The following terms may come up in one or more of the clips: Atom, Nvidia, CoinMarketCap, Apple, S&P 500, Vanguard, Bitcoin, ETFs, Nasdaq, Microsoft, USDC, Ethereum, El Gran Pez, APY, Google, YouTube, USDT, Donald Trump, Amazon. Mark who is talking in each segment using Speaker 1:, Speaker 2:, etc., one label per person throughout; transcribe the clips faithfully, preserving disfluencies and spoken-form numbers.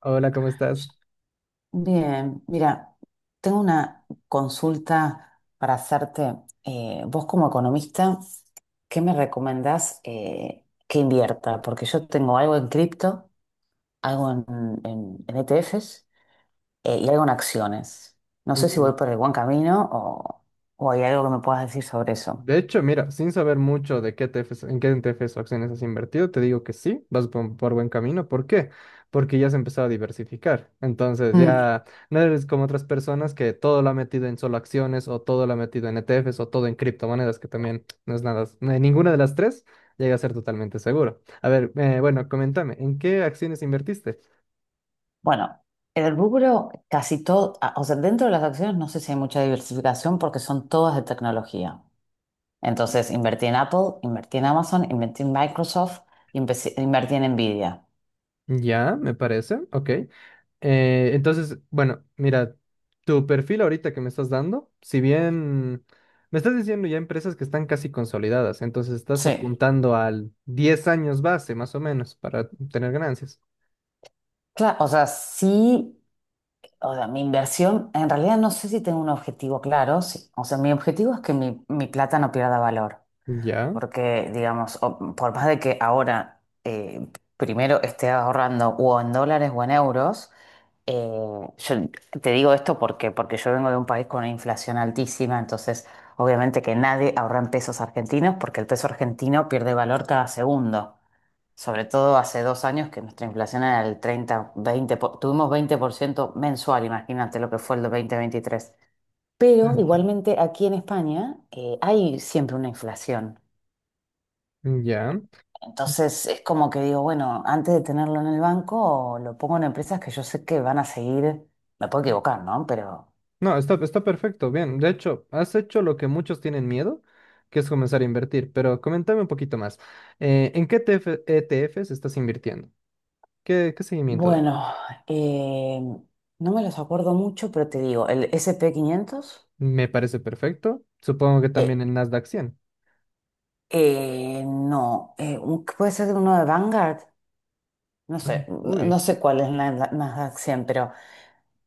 Speaker 1: Hola, ¿cómo estás?
Speaker 2: Bien, mira, tengo una consulta para hacerte. Eh, vos como economista, ¿qué me recomendás eh, que invierta? Porque yo tengo algo en cripto, algo en, en- en E T Fs eh, y algo en acciones. No sé si voy
Speaker 1: Mm.
Speaker 2: por el buen camino o, o hay algo que me puedas decir sobre eso.
Speaker 1: De hecho, mira, sin saber mucho de qué E T Fs, en qué E T Fs o acciones has invertido, te digo que sí, vas por, por buen camino. ¿Por qué? Porque ya has empezado a diversificar. Entonces,
Speaker 2: Mm.
Speaker 1: ya no eres como otras personas que todo lo ha metido en solo acciones o todo lo ha metido en E T Fs o todo en criptomonedas, que también no es nada, n- ninguna de las tres llega a ser totalmente seguro. A ver, eh, bueno, coméntame, ¿en qué acciones invertiste?
Speaker 2: Bueno, el rubro casi todo, ah, o sea, dentro de las acciones no sé si hay mucha diversificación porque son todas de tecnología. Entonces invertí en Apple, invertí en Amazon, invertí en Microsoft, empecé- invertí en Nvidia.
Speaker 1: Ya, me parece, ok. Eh, entonces, bueno, mira, tu perfil ahorita que me estás dando, si bien me estás diciendo ya empresas que están casi consolidadas, entonces estás
Speaker 2: Sí.
Speaker 1: apuntando al diez años base más o menos para tener ganancias.
Speaker 2: Claro, o sea, sí, o sea, mi inversión, en realidad no sé si tengo un objetivo claro. Sí. O sea, mi objetivo es que mi, mi plata no pierda valor.
Speaker 1: Ya,
Speaker 2: Porque, digamos, o- por más de que ahora eh, primero esté ahorrando o en dólares o en euros. Eh, yo te digo esto porque, porque yo vengo de un país con una inflación altísima, entonces obviamente que nadie ahorra en pesos argentinos porque el peso argentino pierde valor cada segundo. Sobre todo hace dos años que nuestra inflación era del treinta, veinte, po- tuvimos veinte por ciento mensual, imagínate lo que fue el dos de veintitrés. Pero igualmente aquí en España eh, hay siempre una inflación.
Speaker 1: ya.
Speaker 2: Entonces es como que digo, bueno, antes de tenerlo en el banco, lo pongo en empresas que yo sé que van a seguir, me puedo equivocar, ¿no? Pero
Speaker 1: No, está, está perfecto, bien. De hecho, has hecho lo que muchos tienen miedo, que es comenzar a invertir, pero coméntame un poquito más. Eh, ¿en qué E T F E T Fs estás invirtiendo? ¿Qué, qué seguimiento dan?
Speaker 2: bueno, eh, no me los acuerdo mucho, pero te digo, el sp quinientos,
Speaker 1: Me parece perfecto. Supongo que también
Speaker 2: eh,
Speaker 1: el Nasdaq Cien.
Speaker 2: eh, no, eh, un- puede ser uno de Vanguard, no sé,
Speaker 1: Bueno,
Speaker 2: no no
Speaker 1: uy.
Speaker 2: sé cuál es la la- Nasdaq cien, pero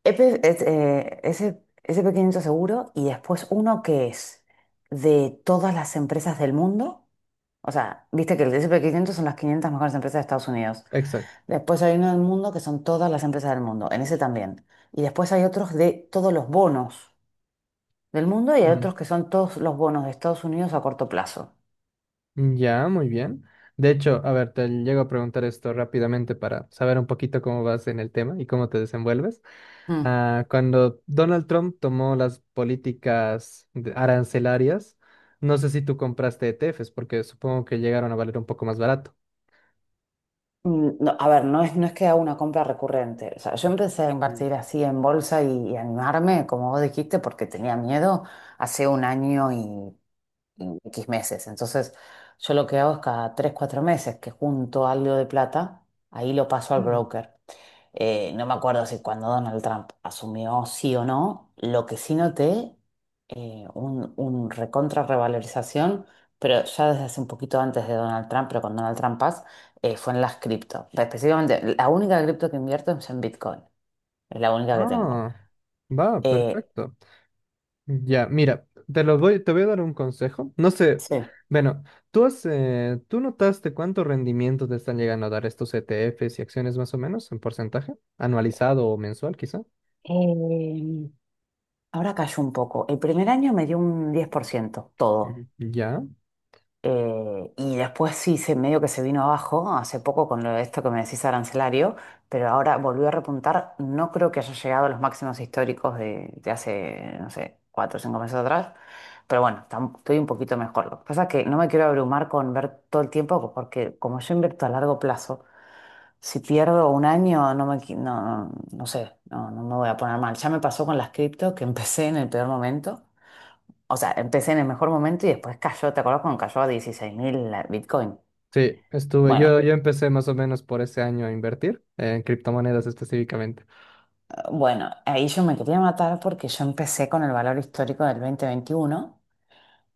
Speaker 2: E P es, eh, ese- sp quinientos seguro y después uno que es de todas las empresas del mundo, o sea, viste que el sp quinientos son las quinientas mejores empresas de Estados Unidos,
Speaker 1: Exacto.
Speaker 2: después hay uno del mundo que son todas las empresas del mundo, en ese también, y después hay otros de todos los bonos del mundo y hay
Speaker 1: Mm.
Speaker 2: otros que son todos los bonos de Estados Unidos a corto plazo.
Speaker 1: Ya, muy bien. De hecho, a ver, te llego a preguntar esto rápidamente para saber un poquito cómo vas en el tema y cómo te desenvuelves.
Speaker 2: Mm.
Speaker 1: Ah, cuando Donald Trump tomó las políticas de- arancelarias, no sé si tú compraste E T Fs, porque supongo que llegaron a valer un poco más barato.
Speaker 2: Mm, no, a ver, no es, no es que haga una compra recurrente. O sea, yo empecé a
Speaker 1: Mm.
Speaker 2: invertir así en bolsa y, y animarme, como vos dijiste, porque tenía miedo hace un año y, y X meses. Entonces, yo lo que hago es cada tres, cuatro meses que junto algo de plata, ahí lo paso al
Speaker 1: Mm.
Speaker 2: broker. Eh, no me acuerdo si cuando Donald Trump asumió sí o no, lo que sí noté, eh, un, un recontra revalorización, pero ya desde hace un poquito antes de Donald Trump, pero con Donald Trump Paz, eh, fue en las cripto. Específicamente, la única cripto que invierto es en Bitcoin, es la única que tengo.
Speaker 1: Ah, va,
Speaker 2: Eh,
Speaker 1: perfecto. Ya, mira, te los voy, te voy a dar un consejo. No sé,
Speaker 2: sí.
Speaker 1: bueno, tú has, eh, ¿tú notaste cuánto rendimiento te están llegando a dar estos E T Fs y acciones más o menos en porcentaje? ¿Anualizado o mensual quizá?
Speaker 2: Eh, ahora cayó un poco. El primer año me dio un diez por ciento todo.
Speaker 1: Ujú. Ya,
Speaker 2: Eh, y después sí, se, medio que se vino abajo hace poco con lo de esto que me decís arancelario, pero ahora volvió a repuntar. No creo que haya llegado a los máximos históricos de, de hace, no sé, cuatro o cinco meses atrás. Pero bueno, tam- estoy un poquito mejor. Lo que pasa es que no me quiero abrumar con ver todo el tiempo, porque como yo invierto a largo plazo, si pierdo un año, no me, qui- no, no, no sé, no, no me voy a poner mal. Ya me pasó con las cripto, que empecé en el peor momento. O sea, empecé en el mejor momento y después cayó. ¿Te acuerdas cuando cayó a dieciséis mil la Bitcoin?
Speaker 1: sí, estuve,
Speaker 2: Bueno,
Speaker 1: yo, yo empecé más o menos por ese año a invertir en criptomonedas específicamente.
Speaker 2: eh, bueno, ahí yo me quería matar porque yo empecé con el valor histórico del dos mil veintiuno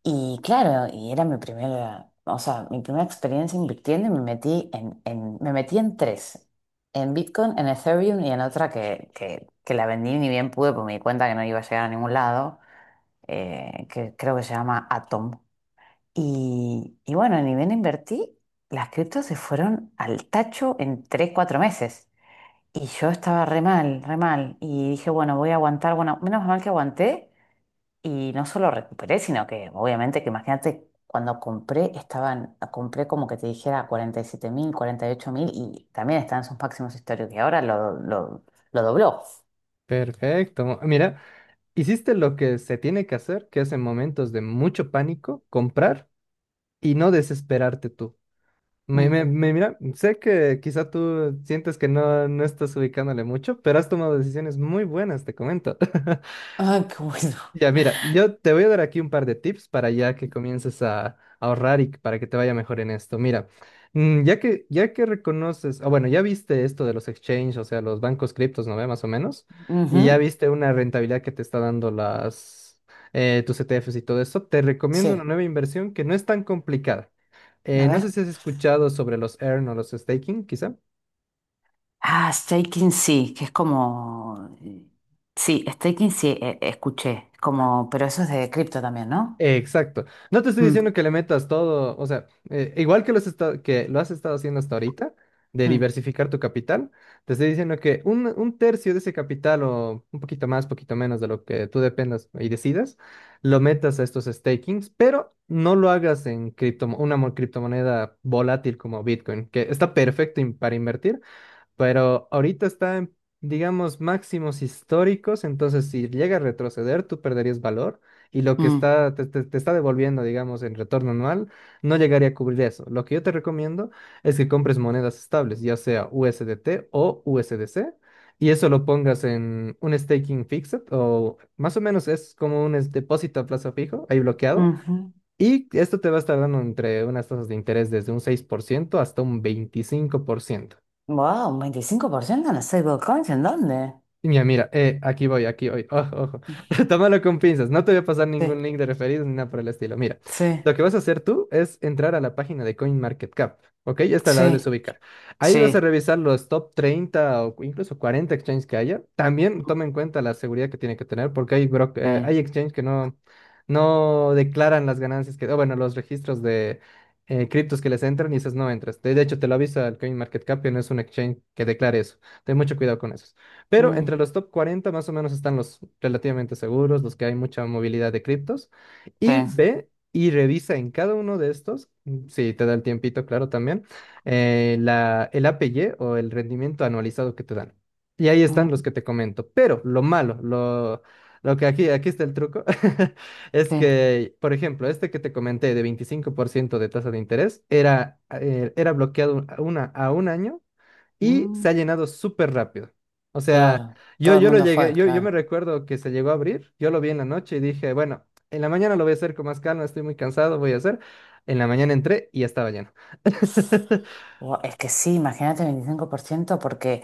Speaker 2: y claro, y era mi primera, o sea, mi primera experiencia invirtiendo y me metí en, en- me metí en tres, en Bitcoin, en Ethereum y en otra que, que, que la vendí ni bien pude porque me di cuenta que no iba a llegar a ningún lado, eh, que creo que se llama Atom. Y, y bueno, ni bien invertí, las criptos se fueron al tacho en tres cuatro meses. Y yo estaba re mal, re mal. Y dije, bueno, voy a aguantar. Bueno, menos mal que aguanté. Y no solo recuperé, sino que obviamente que imagínate, cuando compré, estaban, compré como que te dijera cuarenta y siete mil, cuarenta y ocho mil y también están en sus máximos históricos. Y ahora lo, lo, lo dobló.
Speaker 1: Perfecto. Mira, hiciste lo que se tiene que hacer, que es en momentos de mucho pánico, comprar y no desesperarte tú. Me,
Speaker 2: Mm.
Speaker 1: me- me- mira, sé que quizá tú sientes que no, no estás ubicándole mucho, pero has tomado decisiones muy buenas, te comento.
Speaker 2: Ay, qué bueno.
Speaker 1: Ya, mira, yo te voy a dar aquí un par de tips para ya que comiences a, a ahorrar y para que te vaya mejor en esto. Mira, mm, ya que, ya que reconoces, ah, bueno, ya viste esto de los exchanges, o sea, los bancos criptos, ¿no ve? Más o menos, y ya
Speaker 2: Ujú.
Speaker 1: viste una rentabilidad que te está dando las, eh, tus E T Fs y todo eso, te recomiendo una
Speaker 2: Sí.
Speaker 1: nueva inversión que no es tan complicada.
Speaker 2: A
Speaker 1: Eh, no sé
Speaker 2: ver.
Speaker 1: si has escuchado sobre los earn o los staking, quizá.
Speaker 2: Ah, staking sí, que es como... Sí, staking sí, e- escuché. Como, pero eso es de cripto también, ¿no?
Speaker 1: Eh, exacto. No te estoy diciendo
Speaker 2: Mm,
Speaker 1: que le metas todo, o sea, eh, igual que, los esta- que lo has estado haciendo hasta ahorita, de
Speaker 2: mm,
Speaker 1: diversificar tu capital, te estoy diciendo que un, un tercio de ese capital o un poquito más, poquito menos de lo que tú dependas y decidas, lo metas a estos stakings, pero no lo hagas en criptomo- una mo- criptomoneda volátil como Bitcoin, que está perfecto in- para invertir, pero ahorita está en, digamos, máximos históricos, entonces si llega a retroceder, tú perderías valor y lo que
Speaker 2: mm,
Speaker 1: está te, te- te está devolviendo, digamos, en retorno anual, no llegaría a cubrir eso. Lo que yo te recomiendo es que compres monedas estables, ya sea U S D T o U S D C. Y eso lo pongas en un staking fixed o más o menos es como un es- depósito a plazo fijo, ahí bloqueado.
Speaker 2: ujú.
Speaker 1: Y esto te va a estar dando entre unas tasas de interés desde un seis por ciento hasta un veinticinco por ciento.
Speaker 2: Wow, un veinticinco por ciento en las stablecoins, ¿en dónde?
Speaker 1: Mira, mira, eh, aquí voy, aquí voy, ojo, ojo. Tómalo con pinzas, no te voy a pasar
Speaker 2: Sí,
Speaker 1: ningún link de referidos ni nada por el estilo. Mira,
Speaker 2: sí,
Speaker 1: lo que vas a hacer tú es entrar a la página de CoinMarketCap, ¿ok? Esta la debes
Speaker 2: sí,
Speaker 1: ubicar. Ahí vas a
Speaker 2: sí,
Speaker 1: revisar los top treinta o incluso cuarenta exchanges que haya. También toma en cuenta la seguridad que tiene que tener, porque hay, bro- eh,
Speaker 2: sí,
Speaker 1: hay exchanges que no, no declaran las ganancias que, o bueno, los registros de eh, criptos que les entran y esas no entras. De de hecho, te lo avisa el CoinMarketCap que no es un exchange que declare eso. Ten mucho cuidado con eso. Pero entre
Speaker 2: mm,
Speaker 1: los top cuarenta más o menos están los relativamente seguros, los que hay mucha movilidad de criptos. Y
Speaker 2: sí,
Speaker 1: ve y revisa en cada uno de estos, mm, si te da el tiempito, claro, también, eh, la, el A P Y o el rendimiento anualizado que te dan. Y ahí están los
Speaker 2: mm,
Speaker 1: que te comento. Pero lo malo, lo, lo que aquí, aquí está el truco, es
Speaker 2: sí,
Speaker 1: que, por ejemplo, este que te comenté de veinticinco por ciento de tasa de interés era, eh, era bloqueado a una, a un año y
Speaker 2: mm,
Speaker 1: se ha llenado súper rápido. O sea,
Speaker 2: claro,
Speaker 1: yo,
Speaker 2: todo el
Speaker 1: yo lo
Speaker 2: mundo fue,
Speaker 1: llegué, yo, yo me
Speaker 2: claro.
Speaker 1: recuerdo que se llegó a abrir, yo lo vi en la noche y dije, bueno, en la mañana lo voy a hacer con más calma, estoy muy cansado, voy a hacer. En la mañana entré y ya estaba lleno.
Speaker 2: Buah, es que sí, imagínate veinticinco por ciento porque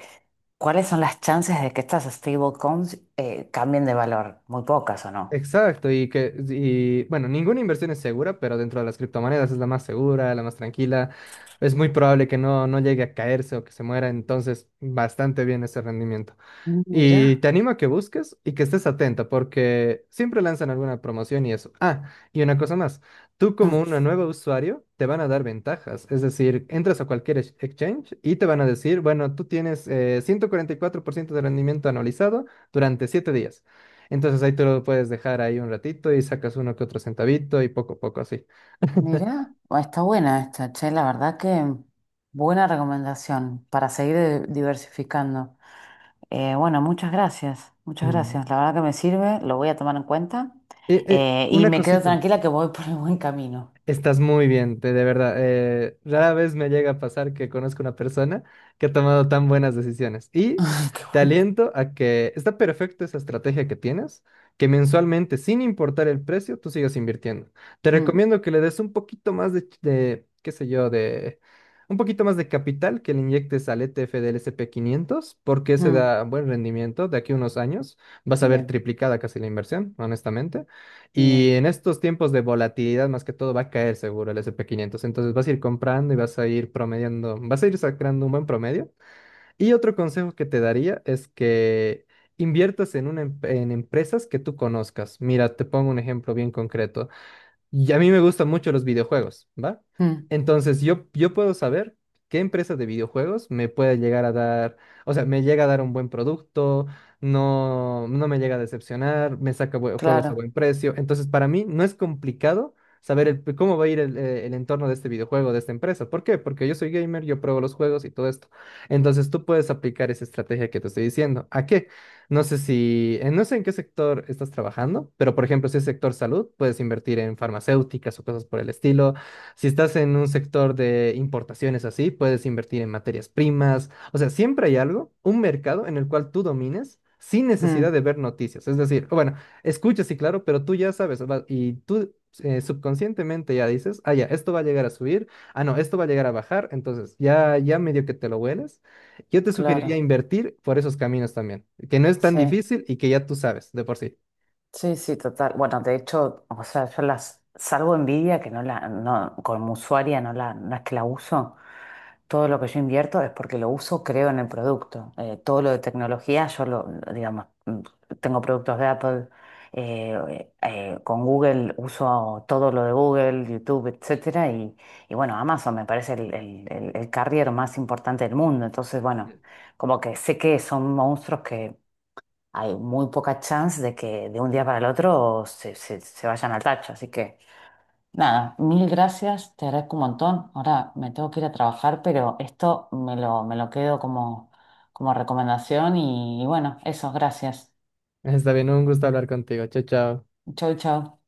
Speaker 2: ¿cuáles son las chances de que estas stablecoins eh, cambien de valor? Muy pocas, ¿o no?
Speaker 1: Exacto, y que, y bueno, ninguna inversión es segura, pero dentro de las criptomonedas es la más segura, la más tranquila. Es muy probable que no, no llegue a caerse o que se muera, entonces bastante bien ese rendimiento.
Speaker 2: Mm.
Speaker 1: Y
Speaker 2: Mira.
Speaker 1: te animo a que busques y que estés atenta porque siempre lanzan alguna promoción y eso. Ah, y una cosa más, tú como
Speaker 2: Mm,
Speaker 1: un nuevo usuario te van a dar ventajas, es decir, entras a cualquier ex- exchange y te van a decir, bueno, tú tienes eh, ciento cuarenta y cuatro por ciento de rendimiento anualizado durante siete días. Entonces ahí tú lo puedes dejar ahí un ratito y sacas uno que otro centavito y poco a poco así.
Speaker 2: mira, bueno, está buena esta, che, la verdad que buena recomendación para seguir eh, diversificando. Eh, bueno, muchas gracias, muchas
Speaker 1: Mm.
Speaker 2: gracias, la verdad que me sirve, lo voy a tomar en cuenta
Speaker 1: Eh, eh,
Speaker 2: eh, y
Speaker 1: una
Speaker 2: me quedo
Speaker 1: cosita.
Speaker 2: tranquila que voy por el buen camino.
Speaker 1: Estás muy bien, de, de verdad. Eh, rara vez me llega a pasar que conozco una persona que ha tomado tan buenas decisiones. Y
Speaker 2: Qué
Speaker 1: te
Speaker 2: bueno.
Speaker 1: aliento a que está perfecto esa estrategia que tienes, que mensualmente, sin importar el precio, tú sigas invirtiendo. Te
Speaker 2: Mm,
Speaker 1: recomiendo que le des un poquito más de, ch- de, qué sé yo, de un poquito más de capital que le inyectes al E T F del ese and pe quinientos, porque ese
Speaker 2: mm,
Speaker 1: da buen rendimiento. De aquí a unos años vas a ver
Speaker 2: bien,
Speaker 1: triplicada casi la inversión, honestamente. Y
Speaker 2: bien.
Speaker 1: en estos tiempos de volatilidad, más que todo, va a caer seguro el S and P quinientos. Entonces vas a ir comprando y vas a ir promediando, vas a ir sacando un buen promedio. Y otro consejo que te daría es que inviertas en, una, em- en empresas que tú conozcas. Mira, te pongo un ejemplo bien concreto. Y a mí me gustan mucho los videojuegos, ¿va?
Speaker 2: Mm,
Speaker 1: Entonces yo, yo puedo saber qué empresa de videojuegos me puede llegar a dar, o sea, me llega a dar un buen producto, no, no me llega a decepcionar, me saca bue- juegos a
Speaker 2: claro.
Speaker 1: buen precio. Entonces para mí no es complicado saber el- cómo va a ir el, eh, el entorno de este videojuego, de esta empresa. ¿Por qué? Porque yo soy gamer, yo pruebo los juegos y todo esto. Entonces tú puedes aplicar esa estrategia que te estoy diciendo. ¿A qué? No sé si, eh, no sé en qué sector estás trabajando, pero por ejemplo, si es sector salud, puedes invertir en farmacéuticas o cosas por el estilo. Si estás en un sector de importaciones así, puedes invertir en materias primas. O sea, siempre hay algo, un mercado en el cual tú domines sin necesidad
Speaker 2: Mm,
Speaker 1: de ver noticias. Es decir, o bueno, escuchas sí, claro, pero tú ya sabes va- y tú eh, subconscientemente ya dices, ah, ya, esto va a llegar a subir, ah, no, esto va a llegar a bajar. Entonces, ya, ya medio que te lo hueles. Yo te sugeriría
Speaker 2: claro,
Speaker 1: invertir por esos caminos también, que no es tan
Speaker 2: sí,
Speaker 1: difícil y que ya tú sabes de por sí.
Speaker 2: sí, sí, total. Bueno, de hecho, o sea, yo las salvo envidia que no la, no, como usuaria no la, no es que la uso. Todo lo que yo invierto es porque lo uso, creo en el producto. Eh, todo lo de tecnología, yo lo, digamos, mm, tengo productos de Apple, eh, eh, con Google uso todo lo de Google, YouTube, etcétera, y, y bueno, Amazon me parece el, el, el el carrier más importante del mundo. Entonces, bueno, como que sé que son monstruos. Hay muy poca chance de que de un día para el otro se, se- se vayan al tacho. Así que nada, mil gracias, te agradezco un montón. Ahora me tengo que ir a trabajar, pero esto me lo, me lo quedo como, como, recomendación y, y bueno, eso, gracias.
Speaker 1: Está bien, un gusto hablar contigo. Chao, chao.
Speaker 2: Chau, chau.